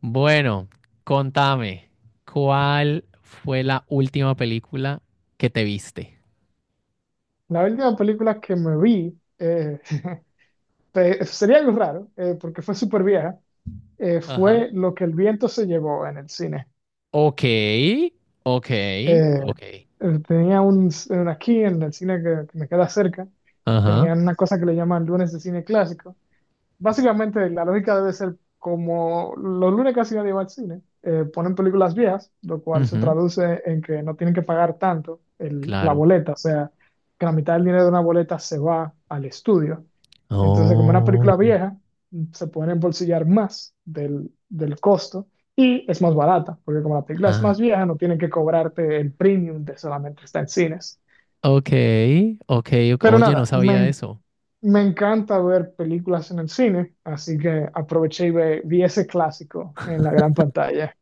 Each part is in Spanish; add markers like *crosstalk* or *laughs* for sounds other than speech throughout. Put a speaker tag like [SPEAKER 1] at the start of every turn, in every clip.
[SPEAKER 1] Bueno, contame, ¿cuál fue la última película que te viste?
[SPEAKER 2] La última película que me vi, *laughs* sería algo raro, porque fue súper vieja,
[SPEAKER 1] Ajá.
[SPEAKER 2] fue Lo que el viento se llevó en el cine.
[SPEAKER 1] Ok, ok,
[SPEAKER 2] Eh,
[SPEAKER 1] ok.
[SPEAKER 2] Tenía un aquí en el cine que me queda cerca.
[SPEAKER 1] Ajá,
[SPEAKER 2] Tenían una cosa que le llaman lunes de cine clásico. Básicamente, la lógica debe ser como los lunes casi nadie va al cine, ponen películas viejas, lo cual se
[SPEAKER 1] ujú,
[SPEAKER 2] traduce en que no tienen que pagar tanto la
[SPEAKER 1] claro.
[SPEAKER 2] boleta, o sea, que la mitad del dinero de una boleta se va al estudio. Entonces, como una película
[SPEAKER 1] Oh,
[SPEAKER 2] vieja, se pueden embolsillar más del costo y es más barata, porque como la película es
[SPEAKER 1] ah,
[SPEAKER 2] más vieja, no tienen que cobrarte el premium de solamente estar en cines.
[SPEAKER 1] ok, ok. Ok.
[SPEAKER 2] Pero
[SPEAKER 1] Oye, no
[SPEAKER 2] nada,
[SPEAKER 1] sabía
[SPEAKER 2] me,
[SPEAKER 1] eso.
[SPEAKER 2] me encanta ver películas en el cine, así que aproveché y vi ese clásico en la gran pantalla.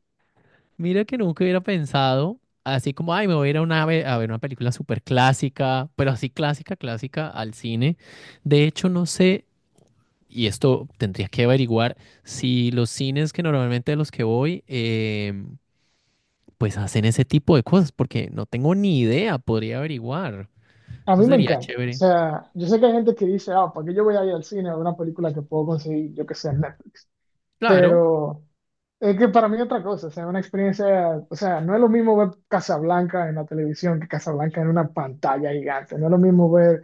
[SPEAKER 1] Mira que nunca hubiera pensado, así como, ay, me voy a ir a, una, a ver una película súper clásica, pero así clásica, clásica, al cine. De hecho, no sé. Y esto tendría que averiguar si los cines que normalmente a los que voy, pues hacen ese tipo de cosas, porque no tengo ni idea, podría averiguar.
[SPEAKER 2] A
[SPEAKER 1] Eso
[SPEAKER 2] mí me
[SPEAKER 1] sería
[SPEAKER 2] encanta. O
[SPEAKER 1] chévere.
[SPEAKER 2] sea, yo sé que hay gente que dice, ah, ¿para qué yo voy a ir al cine a ver una película que puedo conseguir, yo que sé, en Netflix?
[SPEAKER 1] Claro,
[SPEAKER 2] Pero es que para mí es otra cosa, o sea, una experiencia, o sea, no es lo mismo ver Casablanca en la televisión que Casablanca en una pantalla gigante, no es lo mismo ver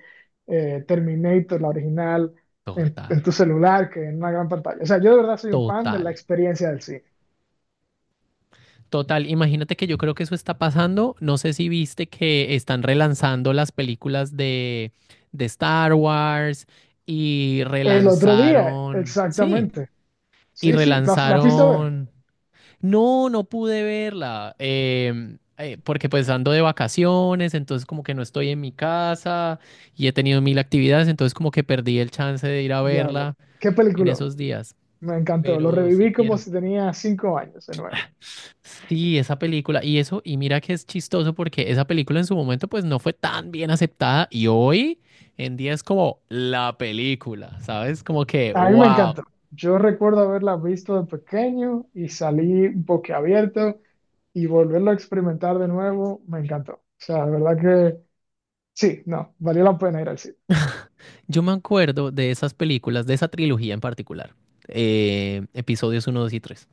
[SPEAKER 2] Terminator, la original, en,
[SPEAKER 1] total,
[SPEAKER 2] en tu celular que en una gran pantalla. O sea, yo de verdad soy un fan de la
[SPEAKER 1] total.
[SPEAKER 2] experiencia del cine.
[SPEAKER 1] Total, imagínate que yo creo que eso está pasando. No sé si viste que están relanzando las películas de Star Wars y
[SPEAKER 2] El otro día,
[SPEAKER 1] relanzaron, sí,
[SPEAKER 2] exactamente.
[SPEAKER 1] y
[SPEAKER 2] Sí, sí, la fuiste a ver.
[SPEAKER 1] relanzaron. No, no pude verla, porque pues ando de vacaciones, entonces como que no estoy en mi casa y he tenido mil actividades, entonces como que perdí el chance de ir a verla
[SPEAKER 2] Diablo. Qué
[SPEAKER 1] en
[SPEAKER 2] película.
[SPEAKER 1] esos días,
[SPEAKER 2] Me encantó. Lo
[SPEAKER 1] pero sí
[SPEAKER 2] reviví como
[SPEAKER 1] quiero.
[SPEAKER 2] si tenía 5 años de nuevo.
[SPEAKER 1] Sí, esa película, y eso, y mira que es chistoso porque esa película en su momento pues no fue tan bien aceptada y hoy en día es como la película, ¿sabes? Como que,
[SPEAKER 2] A mí me
[SPEAKER 1] wow.
[SPEAKER 2] encantó. Yo recuerdo haberla visto de pequeño y salí boquiabierto y volverlo a experimentar de nuevo. Me encantó. O sea, de verdad que sí, no, valió la pena ir al cine.
[SPEAKER 1] Yo me acuerdo de esas películas, de esa trilogía en particular, episodios uno, 2 y 3.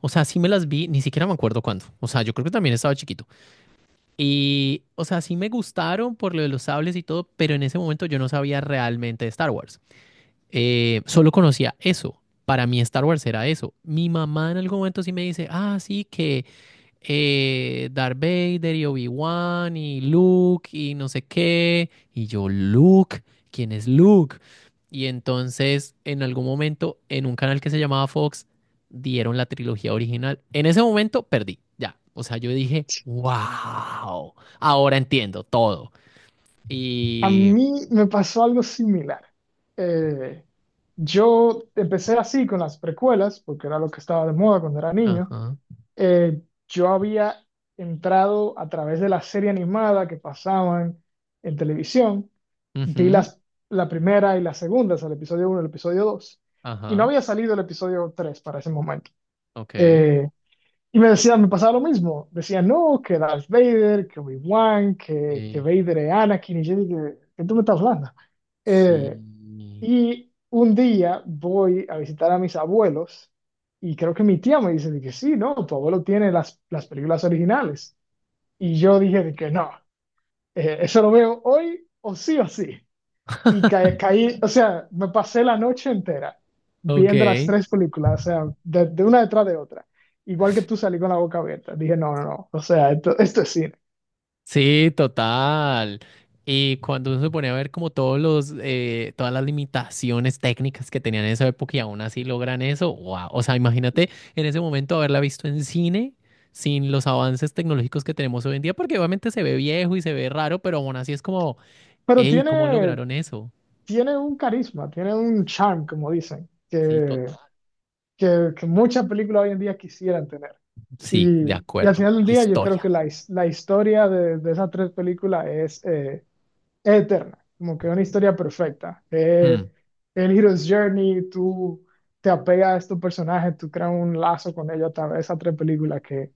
[SPEAKER 1] O sea, sí me las vi, ni siquiera me acuerdo cuándo. O sea, yo creo que también estaba chiquito. Y, o sea, sí me gustaron por lo de los sables y todo, pero en ese momento yo no sabía realmente de Star Wars. Solo conocía eso. Para mí Star Wars era eso. Mi mamá en algún momento sí me dice, ah, sí, que Darth Vader y Obi-Wan y Luke y no sé qué. Y yo, Luke, ¿quién es Luke? Y entonces, en algún momento, en un canal que se llamaba Fox, dieron la trilogía original. En ese momento perdí, ya. O sea, yo dije, wow, ahora entiendo todo.
[SPEAKER 2] A
[SPEAKER 1] Y...
[SPEAKER 2] mí me pasó algo similar. Eh, yo empecé así con las precuelas, porque era lo que estaba de moda cuando era niño.
[SPEAKER 1] Ajá,
[SPEAKER 2] eh, yo había entrado a través de la serie animada que pasaban en televisión, vi
[SPEAKER 1] ujú,
[SPEAKER 2] la primera y la segunda, o sea, el episodio 1 y el episodio 2, y no
[SPEAKER 1] ajá,
[SPEAKER 2] había salido el episodio 3 para ese momento.
[SPEAKER 1] ok.
[SPEAKER 2] Eh, y me decían, me pasaba lo mismo, decían, no, que Darth Vader, que Obi-Wan, que
[SPEAKER 1] eh,
[SPEAKER 2] Vader es Anakin, y yo dije, ¿qué tú me estás hablando? Eh,
[SPEAKER 1] sí.
[SPEAKER 2] y un día voy a visitar a mis abuelos y creo que mi tía me dice de que sí, no, tu abuelo tiene las películas originales. Y yo dije de que
[SPEAKER 1] Ok.
[SPEAKER 2] no, eso lo veo hoy o sí o sí. Y caí, o sea, me pasé la noche entera
[SPEAKER 1] Ok,
[SPEAKER 2] viendo las tres películas, o sea, de una detrás de otra. Igual que tú salí con la boca abierta. Dije, no, no, no, o sea, esto es cine.
[SPEAKER 1] sí, total. Y cuando uno se pone a ver como todas las limitaciones técnicas que tenían en esa época y aún así logran eso, wow. O sea, imagínate en ese momento haberla visto en cine sin los avances tecnológicos que tenemos hoy en día, porque obviamente se ve viejo y se ve raro, pero aún así es como,
[SPEAKER 2] Pero
[SPEAKER 1] hey, ¿cómo
[SPEAKER 2] tiene
[SPEAKER 1] lograron eso?
[SPEAKER 2] tiene un carisma, tiene un charm, como dicen,
[SPEAKER 1] Sí,
[SPEAKER 2] que
[SPEAKER 1] total.
[SPEAKER 2] que, que muchas películas hoy en día quisieran tener.
[SPEAKER 1] Sí, de
[SPEAKER 2] Y al
[SPEAKER 1] acuerdo.
[SPEAKER 2] final del día yo creo que
[SPEAKER 1] Historia.
[SPEAKER 2] la historia de esas tres películas es eterna, como que una historia perfecta.
[SPEAKER 1] Mm.
[SPEAKER 2] El Hero's Journey, tú te apegas a estos personajes, tú creas un lazo con ellos a través de esas tres películas que,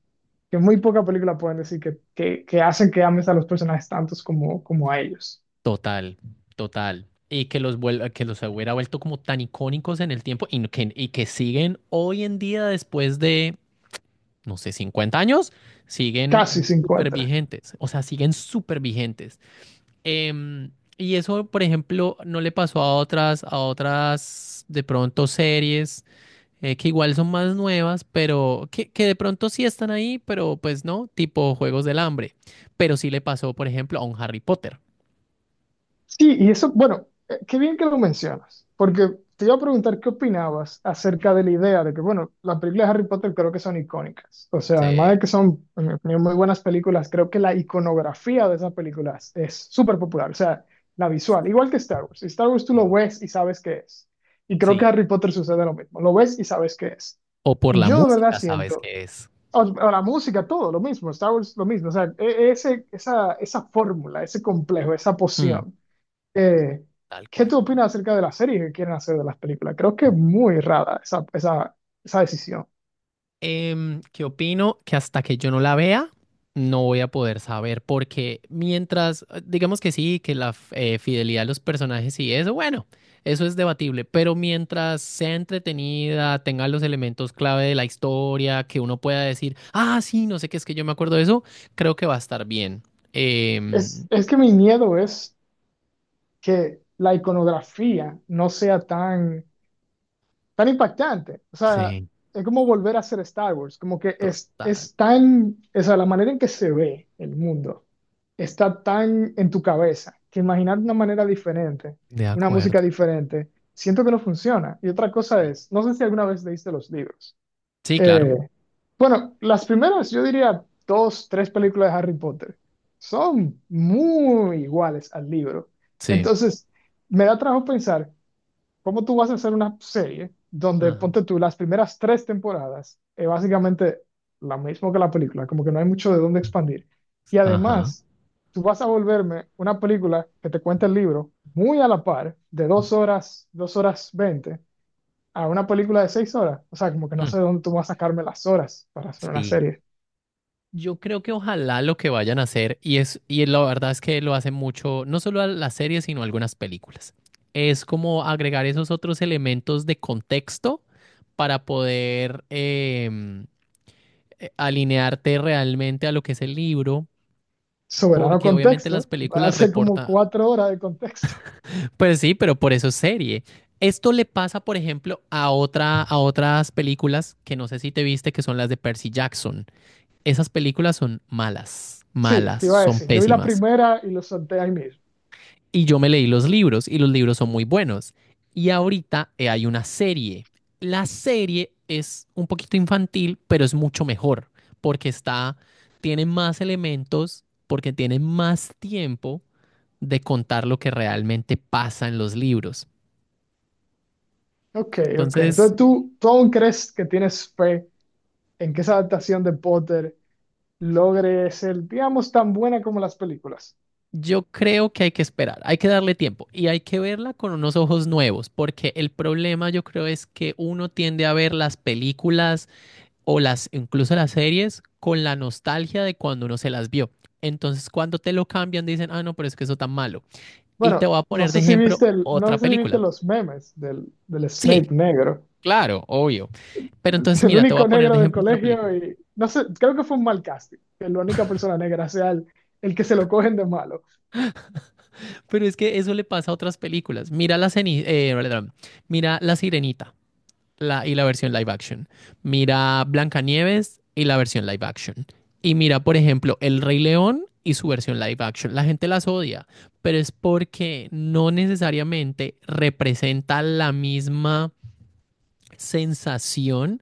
[SPEAKER 2] que muy pocas películas pueden decir que hacen que ames a los personajes tantos como a ellos.
[SPEAKER 1] Total, total. Y que los hubiera vuelto como tan icónicos en el tiempo y y que siguen hoy en día después de, no sé, 50 años, siguen
[SPEAKER 2] Casi
[SPEAKER 1] súper
[SPEAKER 2] 50.
[SPEAKER 1] vigentes. O sea, siguen súper vigentes. Em, y eso, por ejemplo, no le pasó a otras, de pronto series que igual son más nuevas, pero que de pronto sí están ahí, pero pues no, tipo Juegos del Hambre. Pero sí le pasó, por ejemplo, a un Harry Potter.
[SPEAKER 2] Sí, y eso, bueno, qué bien que lo mencionas, porque te iba a preguntar qué opinabas acerca de la idea de que, bueno, las películas de Harry Potter creo que son icónicas. O sea, además de
[SPEAKER 1] Se-
[SPEAKER 2] que son, en mi opinión, muy buenas películas, creo que la iconografía de esas películas es súper popular. O sea, la visual, igual que Star Wars. Si Star Wars tú lo
[SPEAKER 1] Sí.
[SPEAKER 2] ves y sabes qué es. Y creo que
[SPEAKER 1] Sí,
[SPEAKER 2] Harry Potter sucede lo mismo. Lo ves y sabes qué es.
[SPEAKER 1] o por
[SPEAKER 2] Y
[SPEAKER 1] la
[SPEAKER 2] yo de verdad
[SPEAKER 1] música sabes
[SPEAKER 2] siento,
[SPEAKER 1] qué es.
[SPEAKER 2] o la música, todo lo mismo, Star Wars lo mismo. O sea, esa fórmula, ese complejo, esa
[SPEAKER 1] Mm,
[SPEAKER 2] poción. Eh,
[SPEAKER 1] Tal
[SPEAKER 2] ¿Qué tú
[SPEAKER 1] cual.
[SPEAKER 2] opinas acerca de las series que quieren hacer de las películas? Creo que es muy rara esa decisión.
[SPEAKER 1] ¿Qué opino? Que hasta que yo no la vea, no voy a poder saber, porque mientras, digamos que sí, que la fidelidad de los personajes y eso, bueno, eso es debatible, pero mientras sea entretenida, tenga los elementos clave de la historia, que uno pueda decir, ah, sí, no sé qué es que yo me acuerdo de eso, creo que va a estar bien.
[SPEAKER 2] Es,
[SPEAKER 1] Em,
[SPEAKER 2] es que mi miedo es que la iconografía no sea tan impactante. O sea,
[SPEAKER 1] sí,
[SPEAKER 2] es como volver a hacer Star Wars, como que
[SPEAKER 1] total,
[SPEAKER 2] o sea, la manera en que se ve el mundo está tan en tu cabeza que imaginar una manera diferente,
[SPEAKER 1] de
[SPEAKER 2] una música
[SPEAKER 1] acuerdo.
[SPEAKER 2] diferente, siento que no funciona. Y otra cosa
[SPEAKER 1] Sí,
[SPEAKER 2] es, no sé si alguna vez leíste los libros.
[SPEAKER 1] sí, claro,
[SPEAKER 2] Eh, Bueno, las primeras, yo diría dos, tres películas de Harry Potter son muy iguales al libro.
[SPEAKER 1] sí.
[SPEAKER 2] Entonces, me da trabajo pensar cómo tú vas a hacer una serie donde ponte tú las primeras tres temporadas, es básicamente lo mismo que la película, como que no hay mucho de dónde expandir. Y
[SPEAKER 1] Ajá.
[SPEAKER 2] además, tú vas a volverme una película que te cuenta el libro muy a la par, de 2 horas, 2 horas 20, a una película de 6 horas. O sea, como que no
[SPEAKER 1] Mm,
[SPEAKER 2] sé de dónde tú vas a sacarme las horas para hacer una
[SPEAKER 1] sí,
[SPEAKER 2] serie.
[SPEAKER 1] yo creo que ojalá lo que vayan a hacer, y es, y la verdad es que lo hacen mucho, no solo a las series, sino a algunas películas. Es como agregar esos otros elementos de contexto para poder alinearte realmente a lo que es el libro,
[SPEAKER 2] Soberano
[SPEAKER 1] porque obviamente las
[SPEAKER 2] contexto,
[SPEAKER 1] películas
[SPEAKER 2] hace como
[SPEAKER 1] reportan.
[SPEAKER 2] 4 horas de contexto. *laughs*
[SPEAKER 1] Pues sí, pero por eso es serie. Esto le pasa, por ejemplo, a otras películas que no sé si te viste, que son las de Percy Jackson. Esas películas son malas,
[SPEAKER 2] Sí,
[SPEAKER 1] malas,
[SPEAKER 2] te iba a
[SPEAKER 1] son
[SPEAKER 2] decir, yo vi la
[SPEAKER 1] pésimas.
[SPEAKER 2] primera y lo solté ahí mismo.
[SPEAKER 1] Y yo me leí los libros y los libros son muy buenos. Y ahorita hay una serie. La serie es un poquito infantil, pero es mucho mejor porque tiene más elementos, porque tiene más tiempo de contar lo que realmente pasa en los libros.
[SPEAKER 2] Ok, ok.
[SPEAKER 1] Entonces,
[SPEAKER 2] Entonces tú aún crees que tienes fe en que esa adaptación de Potter logre ser, digamos, tan buena como las películas.
[SPEAKER 1] yo creo que hay que esperar, hay que darle tiempo y hay que verla con unos ojos nuevos, porque el problema yo creo es que uno tiende a ver las películas o las incluso las series con la nostalgia de cuando uno se las vio. Entonces, cuando te lo cambian, dicen, ah, no, pero es que eso tan malo. Y te
[SPEAKER 2] Bueno,
[SPEAKER 1] voy a
[SPEAKER 2] no
[SPEAKER 1] poner de
[SPEAKER 2] sé si
[SPEAKER 1] ejemplo
[SPEAKER 2] viste, no
[SPEAKER 1] otra
[SPEAKER 2] sé si viste
[SPEAKER 1] película.
[SPEAKER 2] los memes del
[SPEAKER 1] Sí,
[SPEAKER 2] Snape negro
[SPEAKER 1] claro, obvio. Pero
[SPEAKER 2] *laughs*
[SPEAKER 1] entonces,
[SPEAKER 2] el
[SPEAKER 1] mira, te voy a
[SPEAKER 2] único
[SPEAKER 1] poner
[SPEAKER 2] negro
[SPEAKER 1] de
[SPEAKER 2] del
[SPEAKER 1] ejemplo otra
[SPEAKER 2] colegio
[SPEAKER 1] película.
[SPEAKER 2] y no sé, creo que fue un mal casting, que la única persona negra sea el que se lo cogen de malo.
[SPEAKER 1] Pero es que eso le pasa a otras películas. Mira mira la Sirenita. Y la versión live action. Mira Blancanieves y la versión live action. Y mira, por ejemplo, El Rey León y su versión live action. La gente las odia, pero es porque no necesariamente representa la misma sensación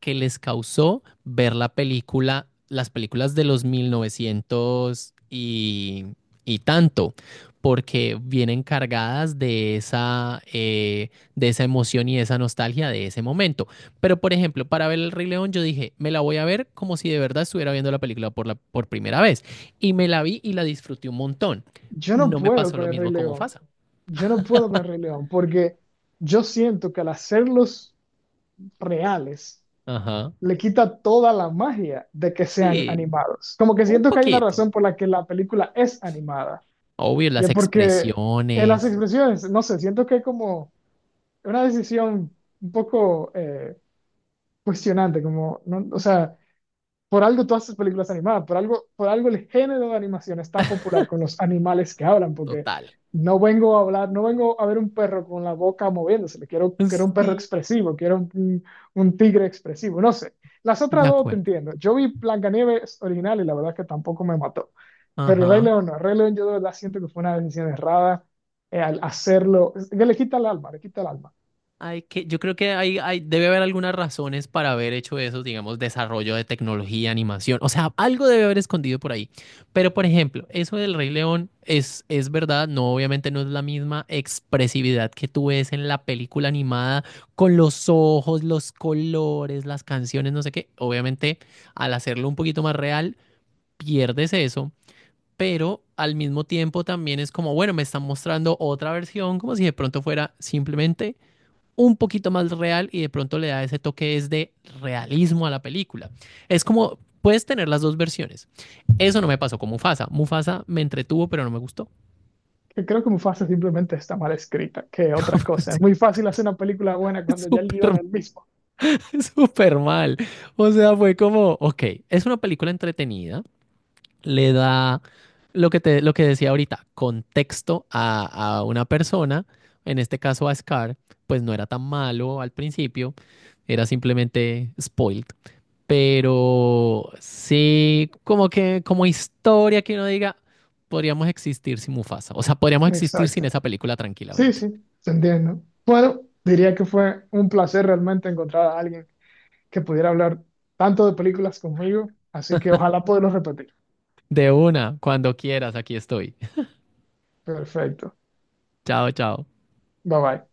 [SPEAKER 1] que les causó ver la película, las películas de los 1900 y tanto, porque vienen cargadas de esa emoción y esa nostalgia de ese momento. Pero, por ejemplo, para ver El Rey León, yo dije, me la voy a ver como si de verdad estuviera viendo la película por primera vez. Y me la vi y la disfruté un montón.
[SPEAKER 2] Yo no
[SPEAKER 1] No me
[SPEAKER 2] puedo
[SPEAKER 1] pasó
[SPEAKER 2] con
[SPEAKER 1] lo
[SPEAKER 2] el Rey
[SPEAKER 1] mismo como
[SPEAKER 2] León,
[SPEAKER 1] Fasa.
[SPEAKER 2] yo no puedo con el Rey León, porque yo siento que al hacerlos reales
[SPEAKER 1] Ajá.
[SPEAKER 2] le quita toda la magia de que sean
[SPEAKER 1] Sí,
[SPEAKER 2] animados. Como que
[SPEAKER 1] un
[SPEAKER 2] siento que hay una
[SPEAKER 1] poquito.
[SPEAKER 2] razón por la que la película es animada
[SPEAKER 1] Obvio,
[SPEAKER 2] y
[SPEAKER 1] las
[SPEAKER 2] es porque en las
[SPEAKER 1] expresiones,
[SPEAKER 2] expresiones, no sé, siento que es como una decisión un poco cuestionante, como, no, o sea. Por algo todas estas películas animadas, por algo el género de animación es tan popular con los animales que hablan, porque
[SPEAKER 1] total.
[SPEAKER 2] no vengo a hablar, no vengo a ver un perro con la boca moviéndose, quiero, quiero un perro
[SPEAKER 1] Sí,
[SPEAKER 2] expresivo, quiero un tigre expresivo, no sé. Las
[SPEAKER 1] de
[SPEAKER 2] otras dos te
[SPEAKER 1] acuerdo.
[SPEAKER 2] entiendo. Yo vi Blancanieves original y la verdad es que tampoco me mató. Pero el Rey
[SPEAKER 1] Ajá.
[SPEAKER 2] León no, el Rey León yo de verdad siento que fue una decisión errada al hacerlo, es que le quita el alma, le quita el alma.
[SPEAKER 1] Yo creo que debe haber algunas razones para haber hecho eso, digamos, desarrollo de tecnología, animación. O sea, algo debe haber escondido por ahí. Pero, por ejemplo, eso del Rey León es verdad. No, obviamente no es la misma expresividad que tú ves en la película animada con los ojos, los colores, las canciones, no sé qué. Obviamente, al hacerlo un poquito más real, pierdes eso. Pero al mismo tiempo también es como, bueno, me están mostrando otra versión, como si de pronto fuera simplemente un poquito más real y de pronto le da ese toque es de realismo a la película. Es como, puedes tener las dos versiones. Eso no me pasó con Mufasa. Mufasa me entretuvo, pero no me gustó.
[SPEAKER 2] Que creo que Mufasa simplemente está mal escrita, que otra cosa. Es muy
[SPEAKER 1] *laughs*
[SPEAKER 2] fácil hacer una película buena cuando ya el
[SPEAKER 1] Súper,
[SPEAKER 2] guión es el mismo.
[SPEAKER 1] súper mal. O sea, fue como, ok, es una película entretenida, le da lo que decía ahorita, contexto a una persona, en este caso a Scar, pues no era tan malo al principio, era simplemente spoiled. Pero sí, como historia que uno diga, podríamos existir sin Mufasa. O sea, podríamos existir
[SPEAKER 2] Exacto.
[SPEAKER 1] sin esa película
[SPEAKER 2] Sí,
[SPEAKER 1] tranquilamente.
[SPEAKER 2] sí, te entiendo. Bueno, diría que fue un placer realmente encontrar a alguien que pudiera hablar tanto de películas conmigo, así que ojalá podamos repetir.
[SPEAKER 1] De una, cuando quieras, aquí estoy.
[SPEAKER 2] Perfecto.
[SPEAKER 1] *laughs* Chao, chao.
[SPEAKER 2] Bye bye.